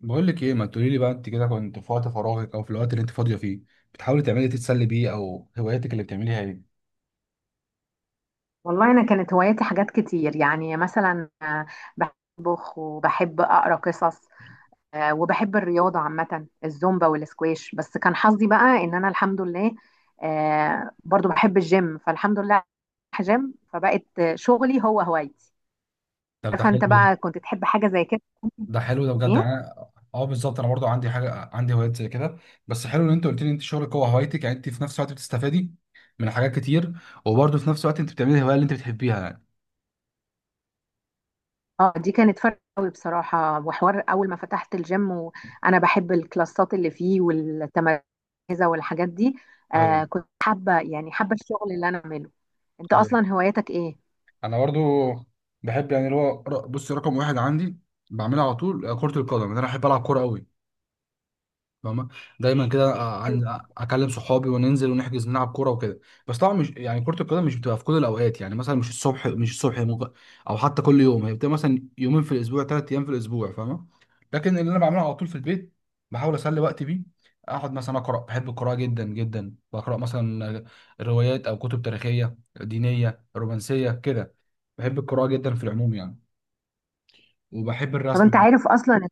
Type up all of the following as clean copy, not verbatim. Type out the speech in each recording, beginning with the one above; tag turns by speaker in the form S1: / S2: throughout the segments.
S1: بقول لك ايه، ما تقولي لي بقى، انت كده كنت في وقت فراغك او في الوقت اللي انت فاضيه فيه بتحاولي تعملي إيه؟ تتسلي بيه او هواياتك اللي بتعمليها ايه؟
S2: والله أنا كانت هواياتي حاجات كتير يعني مثلا بحب أطبخ وبحب أقرأ قصص، وبحب الرياضة عامة الزومبا والسكواش. بس كان حظي بقى إن أنا الحمد لله، برضو بحب الجيم، فالحمد لله رايحة جيم، فبقت شغلي هو هوايتي.
S1: طب ده
S2: عارفة
S1: حلو
S2: أنت
S1: ده.
S2: بقى كنت تحب حاجة زي كده؟
S1: ده حلو ده بجد،
S2: إيه؟
S1: يعني اه بالظبط، انا برضو عندي حاجه، عندي هوايات زي كده. بس حلو ان انت قلت لي انت شغلك هو هوايتك، يعني انت في نفس الوقت بتستفادي من حاجات كتير، وبرضه في نفس الوقت انت بتعملي الهوايه اللي انت بتحبيها يعني.
S2: اه، دي كانت فرق قوي بصراحة وحوار أول ما فتحت الجيم، وأنا بحب الكلاسات اللي فيه والتمركزة والحاجات دي.
S1: ايوه،
S2: آه، كنت حابة يعني حابة الشغل اللي أنا أعمله. أنت
S1: ايوه،
S2: أصلا هواياتك إيه؟
S1: انا برضو بحب، يعني اللي هو بصي، رقم واحد عندي بعملها على طول كره القدم، انا بحب العب كوره قوي، فاهمة؟ دايما كده اكلم صحابي وننزل ونحجز نلعب كوره وكده. بس طبعا مش يعني، كره القدم مش بتبقى في كل الاوقات، يعني مثلا مش الصبح، مش الصبح ممكن او حتى كل يوم، هي بتبقى مثلا يومين في الاسبوع، ثلاث ايام في الاسبوع، فاهمه؟ لكن اللي انا بعمله على طول في البيت، بحاول اسلي وقتي بيه، اقعد مثلا اقرا، بحب القراءه جدا جدا، بقرا مثلا روايات او كتب تاريخيه دينيه رومانسيه كده. بحب القراءه جدا في العموم يعني، وبحب
S2: طب أنت
S1: الرسم.
S2: عارف أصلا،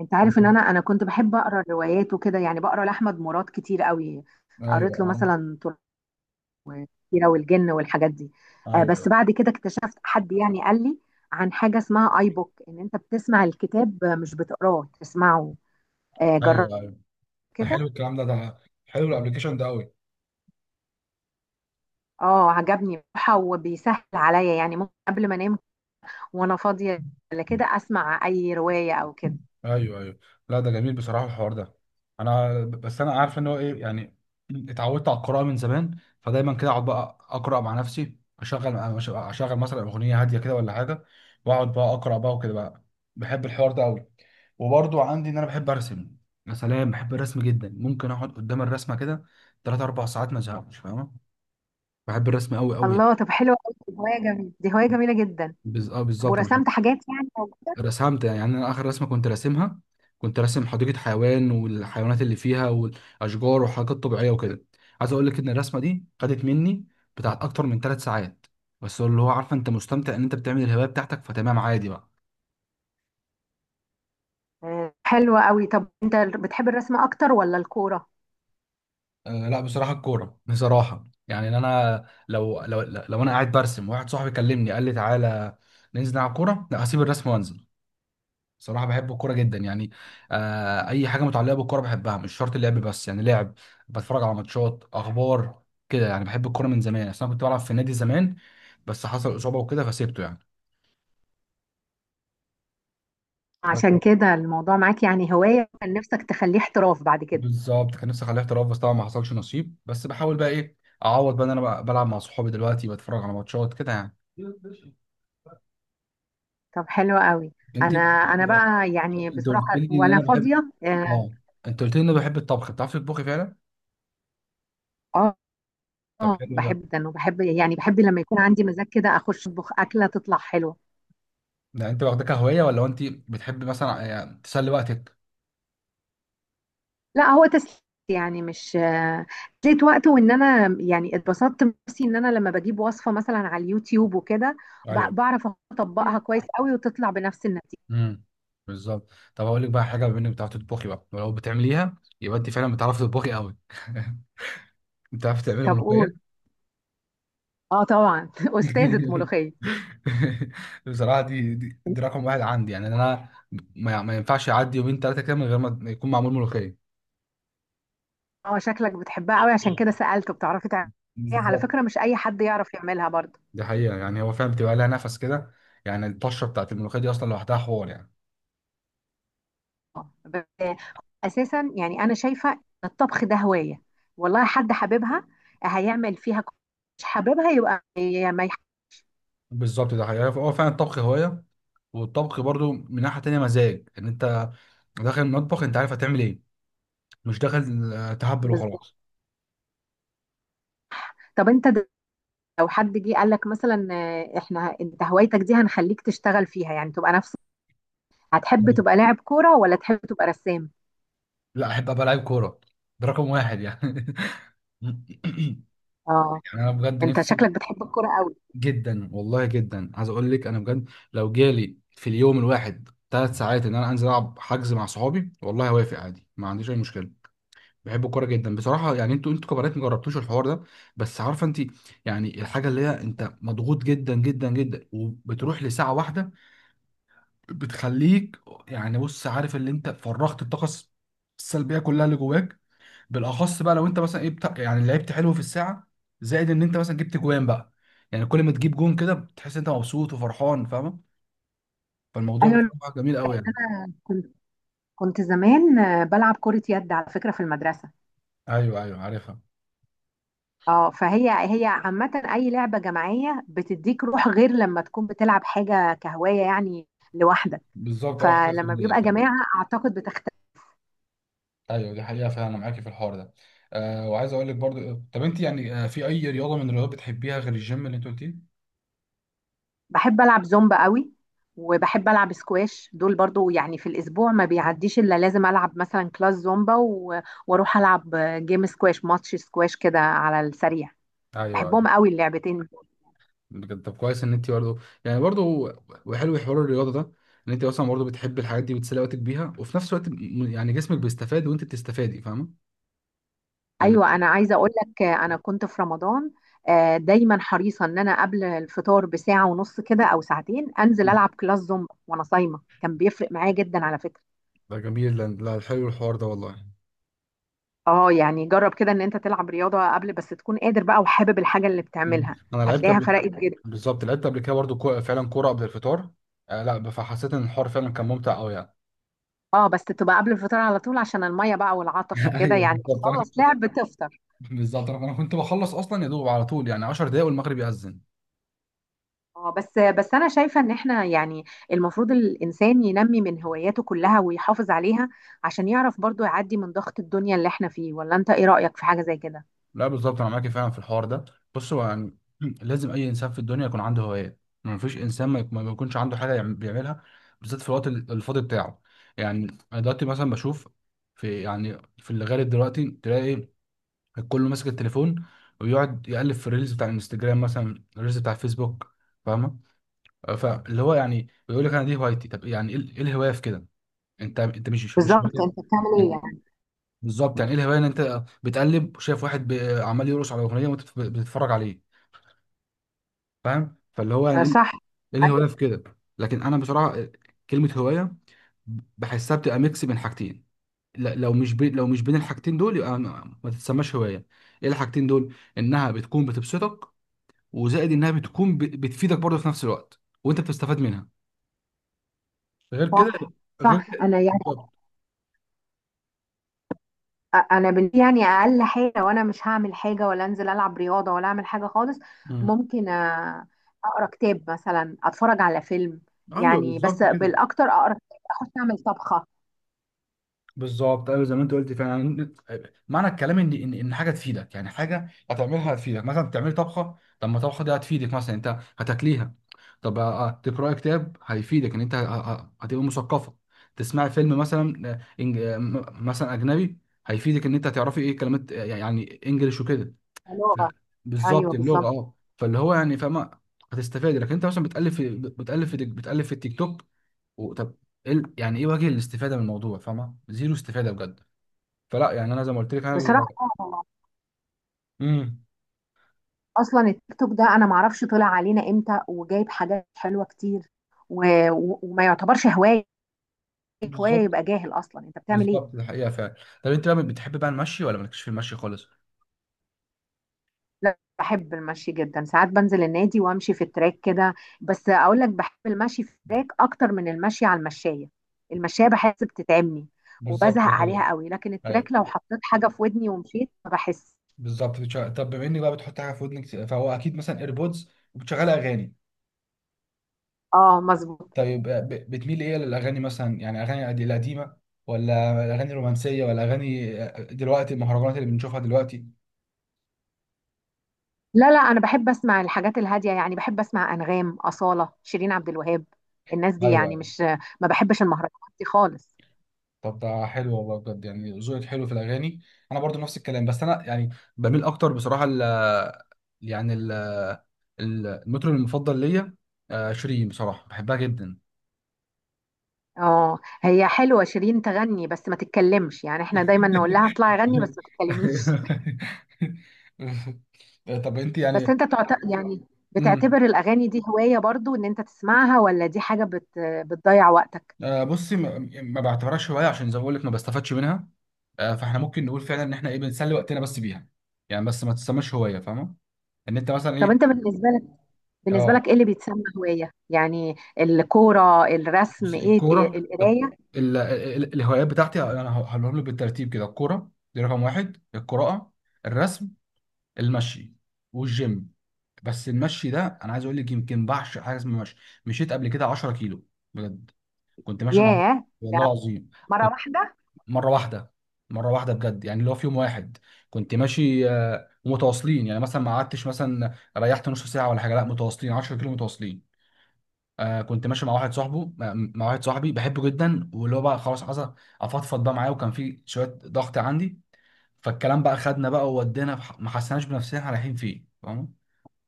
S2: أنت عارف إن أنا كنت بحب أقرأ الروايات وكده، يعني بقرأ لأحمد مراد كتير قوي.
S1: ايوه
S2: قريت له
S1: عارف.
S2: مثلا والكبيرة والجن والحاجات دي. آه، بس
S1: ايوه
S2: بعد كده اكتشفت حد يعني قال لي عن حاجة اسمها آي بوك، إن أنت بتسمع الكتاب مش بتقراه، تسمعه. جربت
S1: ايوه، ده حلو
S2: كده.
S1: الكلام ده، ده حلو الابلكيشن ده قوي.
S2: اه، عجبني بصراحة وبيسهل عليا، يعني ممكن قبل ما انام وانا فاضية ولا كده اسمع اي رواية او كده.
S1: ايوه ايوه. لا ده جميل بصراحه الحوار ده. انا بس انا عارف ان هو ايه، يعني اتعودت على القراءه من زمان، فدايما كده اقعد بقى اقرا مع نفسي، اشغل، اشغل مثلا اغنيه هاديه كده ولا حاجه، واقعد بقى اقرا بقى وكده بقى. بحب الحوار ده قوي. وبرضو عندي ان انا بحب ارسم، يا سلام، بحب الرسم جدا، ممكن اقعد قدام الرسمه كده 3 4 ساعات ما ازهقش، فاهمه؟ بحب الرسم قوي قوي.
S2: الله، طب حلوة قوي دي، هواية جميلة، دي هواية جميلة جدا.
S1: اه
S2: طب
S1: بالظبط، انا
S2: ورسمت حاجات يعني؟
S1: رسمت، يعني انا اخر رسمه كنت راسمها، كنت راسم حديقه حيوان والحيوانات اللي فيها والاشجار وحاجات طبيعيه وكده. عايز اقول لك ان الرسمه دي خدت مني بتاعت اكتر من ثلاث ساعات، بس اللي هو عارفه انت مستمتع ان انت بتعمل الهوايه بتاعتك، فتمام عادي بقى.
S2: حلوة قوي. طب انت بتحب الرسم اكتر ولا الكورة؟
S1: أه لا بصراحه، الكوره بصراحه، يعني إن انا لو انا قاعد برسم واحد صاحبي كلمني قال لي تعالى ننزل نلعب كوره، لا هسيب الرسم وانزل. صراحة بحب الكورة جدا يعني. آه، أي حاجة متعلقة بالكورة بحبها، مش شرط اللعب بس، يعني لعب، بتفرج على ماتشات، أخبار كده يعني. بحب الكورة من زمان، أصل أنا كنت بلعب في النادي زمان، بس حصل إصابة وكده فسيبته يعني.
S2: عشان
S1: بس-
S2: كده الموضوع معاك يعني هواية كان نفسك تخليه احتراف بعد كده؟
S1: بالظبط، كان نفسي أخليه احتراف، بس طبعا ما حصلش نصيب. بس بحاول بقى إيه، أعوض بقى إن أنا بقى بلعب مع صحابي دلوقتي، بتفرج على ماتشات كده يعني.
S2: طب حلوة قوي.
S1: أنت،
S2: انا بقى يعني
S1: أنت قلت
S2: بصراحة
S1: لي إن
S2: وانا
S1: أنا بحب،
S2: فاضية. اه،
S1: آه، أنت قلت لي إن أنا بحب الطبخ، بتعرفي تطبخي فعلا؟
S2: آه،
S1: طب
S2: آه،
S1: حلو
S2: باحب
S1: ده.
S2: جدًا، وباحب يعني باحب لمّا يكون عندي مزاج كده أخش أطبخ أكلة تطلع حلوة.
S1: ده انت واخده كهوايه ولا هو انت بتحب مثلا يعني تسلي وقتك؟
S2: لأ، هو تسلية، يعني مش تسلية وقت، وإن أنا يعني اتبسطت بنفسي إن أنا لمّا باجيب وصفة مثلًا على اليوتيوب وكده ب
S1: ايوه.
S2: باعرف أطبّقها كويس أوي وتطلع بنفس النتيجة.
S1: امم بالظبط. طب هقول لك بقى حاجه، بما انك بتعرفي تطبخي بقى ولو بتعمليها يبقى انت فعلا بتعرفي تطبخي قوي، بتعرفي تعملي
S2: طب قُل.
S1: ملوخيه؟
S2: آه، طبعًا، أستاذة ملوخية.
S1: بصراحه، دي رقم واحد عندي، يعني انا ما ينفعش يعدي يومين ثلاثه كده من غير ما يكون معمول ملوخيه.
S2: آه، شكلك بتحبها أوي عشان كده سألت، بتعرفي تعمليها، على
S1: بالظبط،
S2: فكرة مش أي حد يعرف يعملها برضه.
S1: دي حقيقه، يعني هو فعلا بتبقى لها نفس كده، يعني الطشه بتاعت الملوخيه دي اصلا لوحدها حوار يعني.
S2: ب- اساسا يعني انا شايفه ان الطبخ ده هوايه، والله حد حاببها هيعمل فيها مش حاببها يبقى هي ما
S1: بالظبط ده حقيقه، هو فعلا الطبخ هوايه. والطبخ برضو من ناحية تانية مزاج، ان انت داخل المطبخ انت عارف هتعمل ايه، مش داخل تهبل
S2: بالظبط.
S1: وخلاص.
S2: طب انت لو حد جه قال لك مثلا احنا، انت هوايتك دي هنخليك تشتغل فيها، يعني تبقى نفس، هتحب تبقى لاعب كوره ولا تحب تبقى رسام؟
S1: لا احب ابقى لعيب كورة، ده رقم واحد يعني، يعني
S2: اه،
S1: انا بجد
S2: انت
S1: نفسي
S2: شكلك بتحب الكوره قوي.
S1: جدا والله جدا. عايز اقول لك انا بجد لو جالي في اليوم الواحد ثلاث ساعات ان انا انزل العب حجز مع صحابي والله هوافق عادي، ما عنديش اي مشكله. بحب الكوره جدا بصراحه، يعني انتوا كبنات ما جربتوش الحوار ده، بس عارفه انت، يعني الحاجه اللي هي انت مضغوط جدا جدا جدا وبتروح لساعه واحده بتخليك، يعني بص، عارف اللي انت فرغت الطاقه السلبيه كلها اللي جواك. بالاخص بقى لو انت مثلا ايه، بتاع يعني لعبت حلو في الساعه، زائد ان انت مثلا جبت جوان بقى، يعني كل ما تجيب جون كده بتحس انت مبسوط وفرحان، فاهم؟ فالموضوع
S2: ايوه،
S1: بصراحه جميل قوي
S2: لأن
S1: يعني.
S2: انا كنت زمان بلعب كره يد على فكره في المدرسه.
S1: ايوه ايوه عارفها.
S2: اه، فهي عامة أي لعبة جماعية بتديك روح، غير لما تكون بتلعب حاجة كهواية يعني لوحدك،
S1: بالظبط، اه حاجه
S2: فلما
S1: فرديه
S2: بيبقى
S1: فعلا.
S2: جماعة أعتقد بتختلف.
S1: ايوه دي حقيقه فعلا، انا معاكي في الحوار ده. آه، وعايز اقول لك برضو، طب انت يعني، آه، في اي رياضه من الرياضات بتحبيها غير الجيم اللي انت قلتيه؟
S2: بحب ألعب زومبا قوي، وبحب ألعب سكواش، دول برضو يعني في الأسبوع ما بيعديش إلا لازم ألعب مثلا كلاس زومبا وأروح ألعب جيم، سكواش، ماتش سكواش كده على السريع.
S1: ايوه
S2: بحبهم
S1: ايوه.
S2: قوي اللعبتين.
S1: بجد طب كويس ان انت برضه، يعني برضه، وحلو حوار الرياضه ده، ان انت اصلا برضه بتحب الحاجات دي، بتسلي وقتك بيها وفي نفس الوقت يعني جسمك بيستفاد وانت بتستفادي، فاهمه يعني؟
S2: ايوه، انا عايزه اقول لك، انا كنت في رمضان دايما حريصه ان انا قبل الفطار بساعه ونص كده او ساعتين انزل العب كلاس زومبا وانا صايمه، كان بيفرق معايا جدا على فكره.
S1: ده جميل، لا لا، حلو الحوار ده والله.
S2: اه، يعني جرب كده ان انت تلعب رياضه قبل، بس تكون قادر بقى وحابب الحاجه اللي بتعملها،
S1: انا لعبت
S2: هتلاقيها
S1: قبل.
S2: فرقت جدا.
S1: بالظبط لعبت قبل كده برضه فعلا كوره قبل الفطار، آه لا فحسيت ان الحوار فعلا كان ممتع قوي يعني.
S2: اه، بس تبقى قبل الفطار على طول عشان الميه بقى والعطش وكده،
S1: ايوه
S2: يعني
S1: بالظبط، انا
S2: تخلص
S1: كنت،
S2: لعب تفطر.
S1: بالظبط انا كنت بخلص اصلا يا دوب على طول، يعني 10 دقايق والمغرب يأذن.
S2: اه، بس انا شايفه ان احنا يعني المفروض الانسان ينمي من هواياته كلها ويحافظ عليها، عشان يعرف برضو يعدي من ضغط الدنيا اللي احنا فيه. ولا انت ايه رايك في حاجه زي كده؟
S1: لا بالظبط انا معاك فعلا في الحوار ده. بص هو يعني، لازم اي انسان في الدنيا يكون عنده هوايات، ما فيش انسان ما يكونش عنده حاجه بيعملها، بالذات في الوقت الفاضي بتاعه يعني. انا دلوقتي مثلا بشوف في، يعني في اللي غالب دلوقتي تلاقي الكل ماسك التليفون، ويقعد يقلب في الريلز بتاع الانستجرام، مثلا الريلز بتاع الفيسبوك، فاهمه؟ فاللي هو يعني بيقول لك انا دي هوايتي، طب يعني ايه، إيه الهوايه في كده؟ انت، انت مش
S2: بالظبط، انت
S1: هواية.
S2: بتعمل ايه يعني.
S1: بالظبط، يعني ايه الهوايه ان انت بتقلب وشايف واحد عمال يرقص على اغنيه وانت بتتفرج عليه، فاهم؟ فاللي هو يعني
S2: آه،
S1: ايه،
S2: صح.
S1: إيه الهوايه في
S2: ايوه،
S1: كده؟ لكن انا بصراحه كلمه هوايه بحسها بتبقى ميكس بين حاجتين، لو مش بين الحاجتين دول يبقى ما تتسماش هوايه. ايه الحاجتين دول؟ انها بتكون بتبسطك، وزائد انها بتكون بتفيدك برضه في نفس الوقت وانت بتستفاد منها، غير كده.
S2: صح،
S1: غير
S2: صح.
S1: كده
S2: انا يعني
S1: بالظبط.
S2: انا يعني اقل حاجه، وانا مش هعمل حاجه ولا انزل العب رياضه ولا اعمل حاجه خالص،
S1: مم.
S2: ممكن اقرا كتاب مثلا، اتفرج على فيلم،
S1: ايوه
S2: يعني بس
S1: بالظبط كده.
S2: بالاكتر اقرا كتاب، اخش اعمل طبخه.
S1: بالظبط ايوه زي ما انت قلت فعلا، معنى الكلام ان حاجه تفيدك، يعني حاجه هتعملها هتفيدك، مثلا بتعمل طبخه، طب ما الطبخه دي هتفيدك مثلا انت هتاكليها. طب تقراي كتاب هيفيدك ان انت هتبقى مثقفه. تسمعي فيلم مثلا، مثلا اجنبي، هيفيدك ان انت هتعرفي ايه كلمات، يعني انجلش وكده. ف-
S2: لغه.
S1: بالظبط،
S2: ايوه
S1: اللغه،
S2: بالظبط.
S1: اه فاللي هو يعني فاهمه؟ هتستفاد. لكن انت مثلا بتالف في التيك توك، طب إيه يعني ايه وجه الاستفاده من الموضوع؟ فاهمه زيرو استفاده بجد. فلا يعني انا زي ما قلت لك انا
S2: بصراحه آه،
S1: امم
S2: اصلا التيك توك ده انا معرفش طلع علينا امتى، وجايب حاجات حلوه كتير و... وما يعتبرش هوايه. هوايه
S1: بالظبط.
S2: يبقى جاهل، اصلا انت بتعمل ايه؟
S1: بالظبط ده حقيقه فعلا. طب انت بقى بتحب بقى المشي ولا مالكش في المشي خالص؟
S2: لا، بحب المشي جدا، ساعات بنزل النادي وامشي في التراك كده، بس اقول لك بحب المشي في التراك اكتر من المشي على المشايه، المشايه بحس بتتعبني
S1: بالظبط
S2: وبزهق
S1: ده حقيقه.
S2: عليها قوي، لكن التراك لو
S1: ايوه
S2: حطيت حاجه في ودني ومشيت ما بحس.
S1: بالظبط، بتشغل... طب بما اني بقى بتحط حاجه في ودنك فهو اكيد مثلا ايربودز وبتشغل اغاني.
S2: اه، مظبوط.
S1: طيب ب... بتميل ايه للاغاني، مثلا يعني اغاني القديمه، ولا اغاني رومانسيه، ولا اغاني دلوقتي المهرجانات اللي بنشوفها دلوقتي؟
S2: لا، لا، انا بحب اسمع الحاجات الهاديه، يعني بحب اسمع انغام، اصاله، شيرين عبد الوهاب، الناس دي يعني،
S1: ايوه.
S2: مش ما بحبش المهرجانات دي خالص.
S1: طب ده حلو والله بجد، يعني ذوقك حلو في الاغاني. انا برضو نفس الكلام، بس انا يعني بميل اكتر بصراحه ل، يعني ال، المطرب المفضل ليا، شيرين، بصراحه بحبها جدا.
S2: اه، هي حلوه شيرين تغني بس ما تتكلمش، يعني احنا دايما نقول لها اطلعي غني بس ما تتكلميش.
S1: طب انت
S2: بس
S1: يعني،
S2: انت يعني بتعتبر
S1: امم
S2: الاغاني دي هوايه برضو ان انت تسمعها، ولا دي حاجه بتضيع وقتك؟
S1: بصي ما بعتبرهاش هوايه، عشان زي ما بقول لك ما بستفادش منها. آه، فاحنا ممكن نقول فعلا ان احنا ايه، بنسلي وقتنا بس بيها يعني، بس ما تسماش هوايه فاهمه؟ ان انت مثلا
S2: طب
S1: ايه.
S2: انت بالنسبه لك بالنسبه
S1: اه
S2: لك ايه اللي بيتسمى هوايه؟ يعني الكوره، الرسم،
S1: بص،
S2: ايه
S1: الكورة،
S2: القرايه.
S1: الهوايات بتاعتي، يعني انا هقولهم لك بالترتيب كده، الكورة دي رقم واحد، القراءة، الرسم، المشي، والجيم. بس المشي ده انا عايز اقول لك يمكن بعشق حاجة اسمها مشي. مشيت قبل كده 10 كيلو بجد، كنت ماشي مع،
S2: ياه، ده
S1: والله العظيم
S2: مره
S1: كنت،
S2: واحده؟
S1: مرة واحدة، مرة واحدة بجد، يعني اللي هو في يوم واحد كنت ماشي، ومتواصلين يعني مثلا ما قعدتش مثلا ريحت نص ساعة ولا حاجة، لا متواصلين 10 كيلو متواصلين. آه كنت ماشي مع واحد صاحبه، مع واحد صاحبي بحبه جدا، واللي هو بقى خلاص عايز افضفض بقى معاه، وكان في شويه ضغط عندي، فالكلام بقى خدنا بقى وودينا في ما حسناش بنفسنا احنا رايحين فين، فاهم؟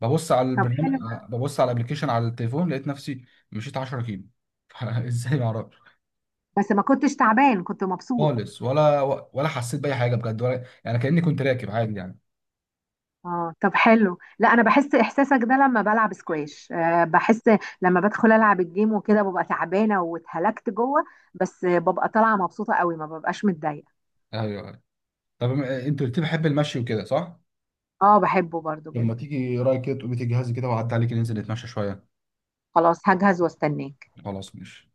S1: ببص على
S2: طب
S1: البرنامج،
S2: حلو،
S1: ببص على الابلكيشن على التليفون لقيت نفسي مشيت 10 كيلو، ازاي ما اعرفش
S2: بس ما كنتش تعبان، كنت مبسوط.
S1: خالص، ولا ولا حسيت باي حاجه بجد، ولا يعني كاني كنت راكب عادي يعني.
S2: اه، طب حلو. لا، انا بحس احساسك ده لما بلعب سكواش، بحس لما بدخل العب الجيم وكده ببقى تعبانه واتهلكت جوه، بس ببقى طالعه مبسوطه قوي ما ببقاش متضايقه.
S1: ايوه أيوة. طب انت قلت لي بحب المشي وكده صح؟
S2: اه، بحبه برضو
S1: لما
S2: جدا،
S1: تيجي رايك كده تقومي تجهزي كده وأعدي عليك ننزل نتمشى شويه.
S2: خلاص هجهز واستناه.
S1: خلاص ماشي.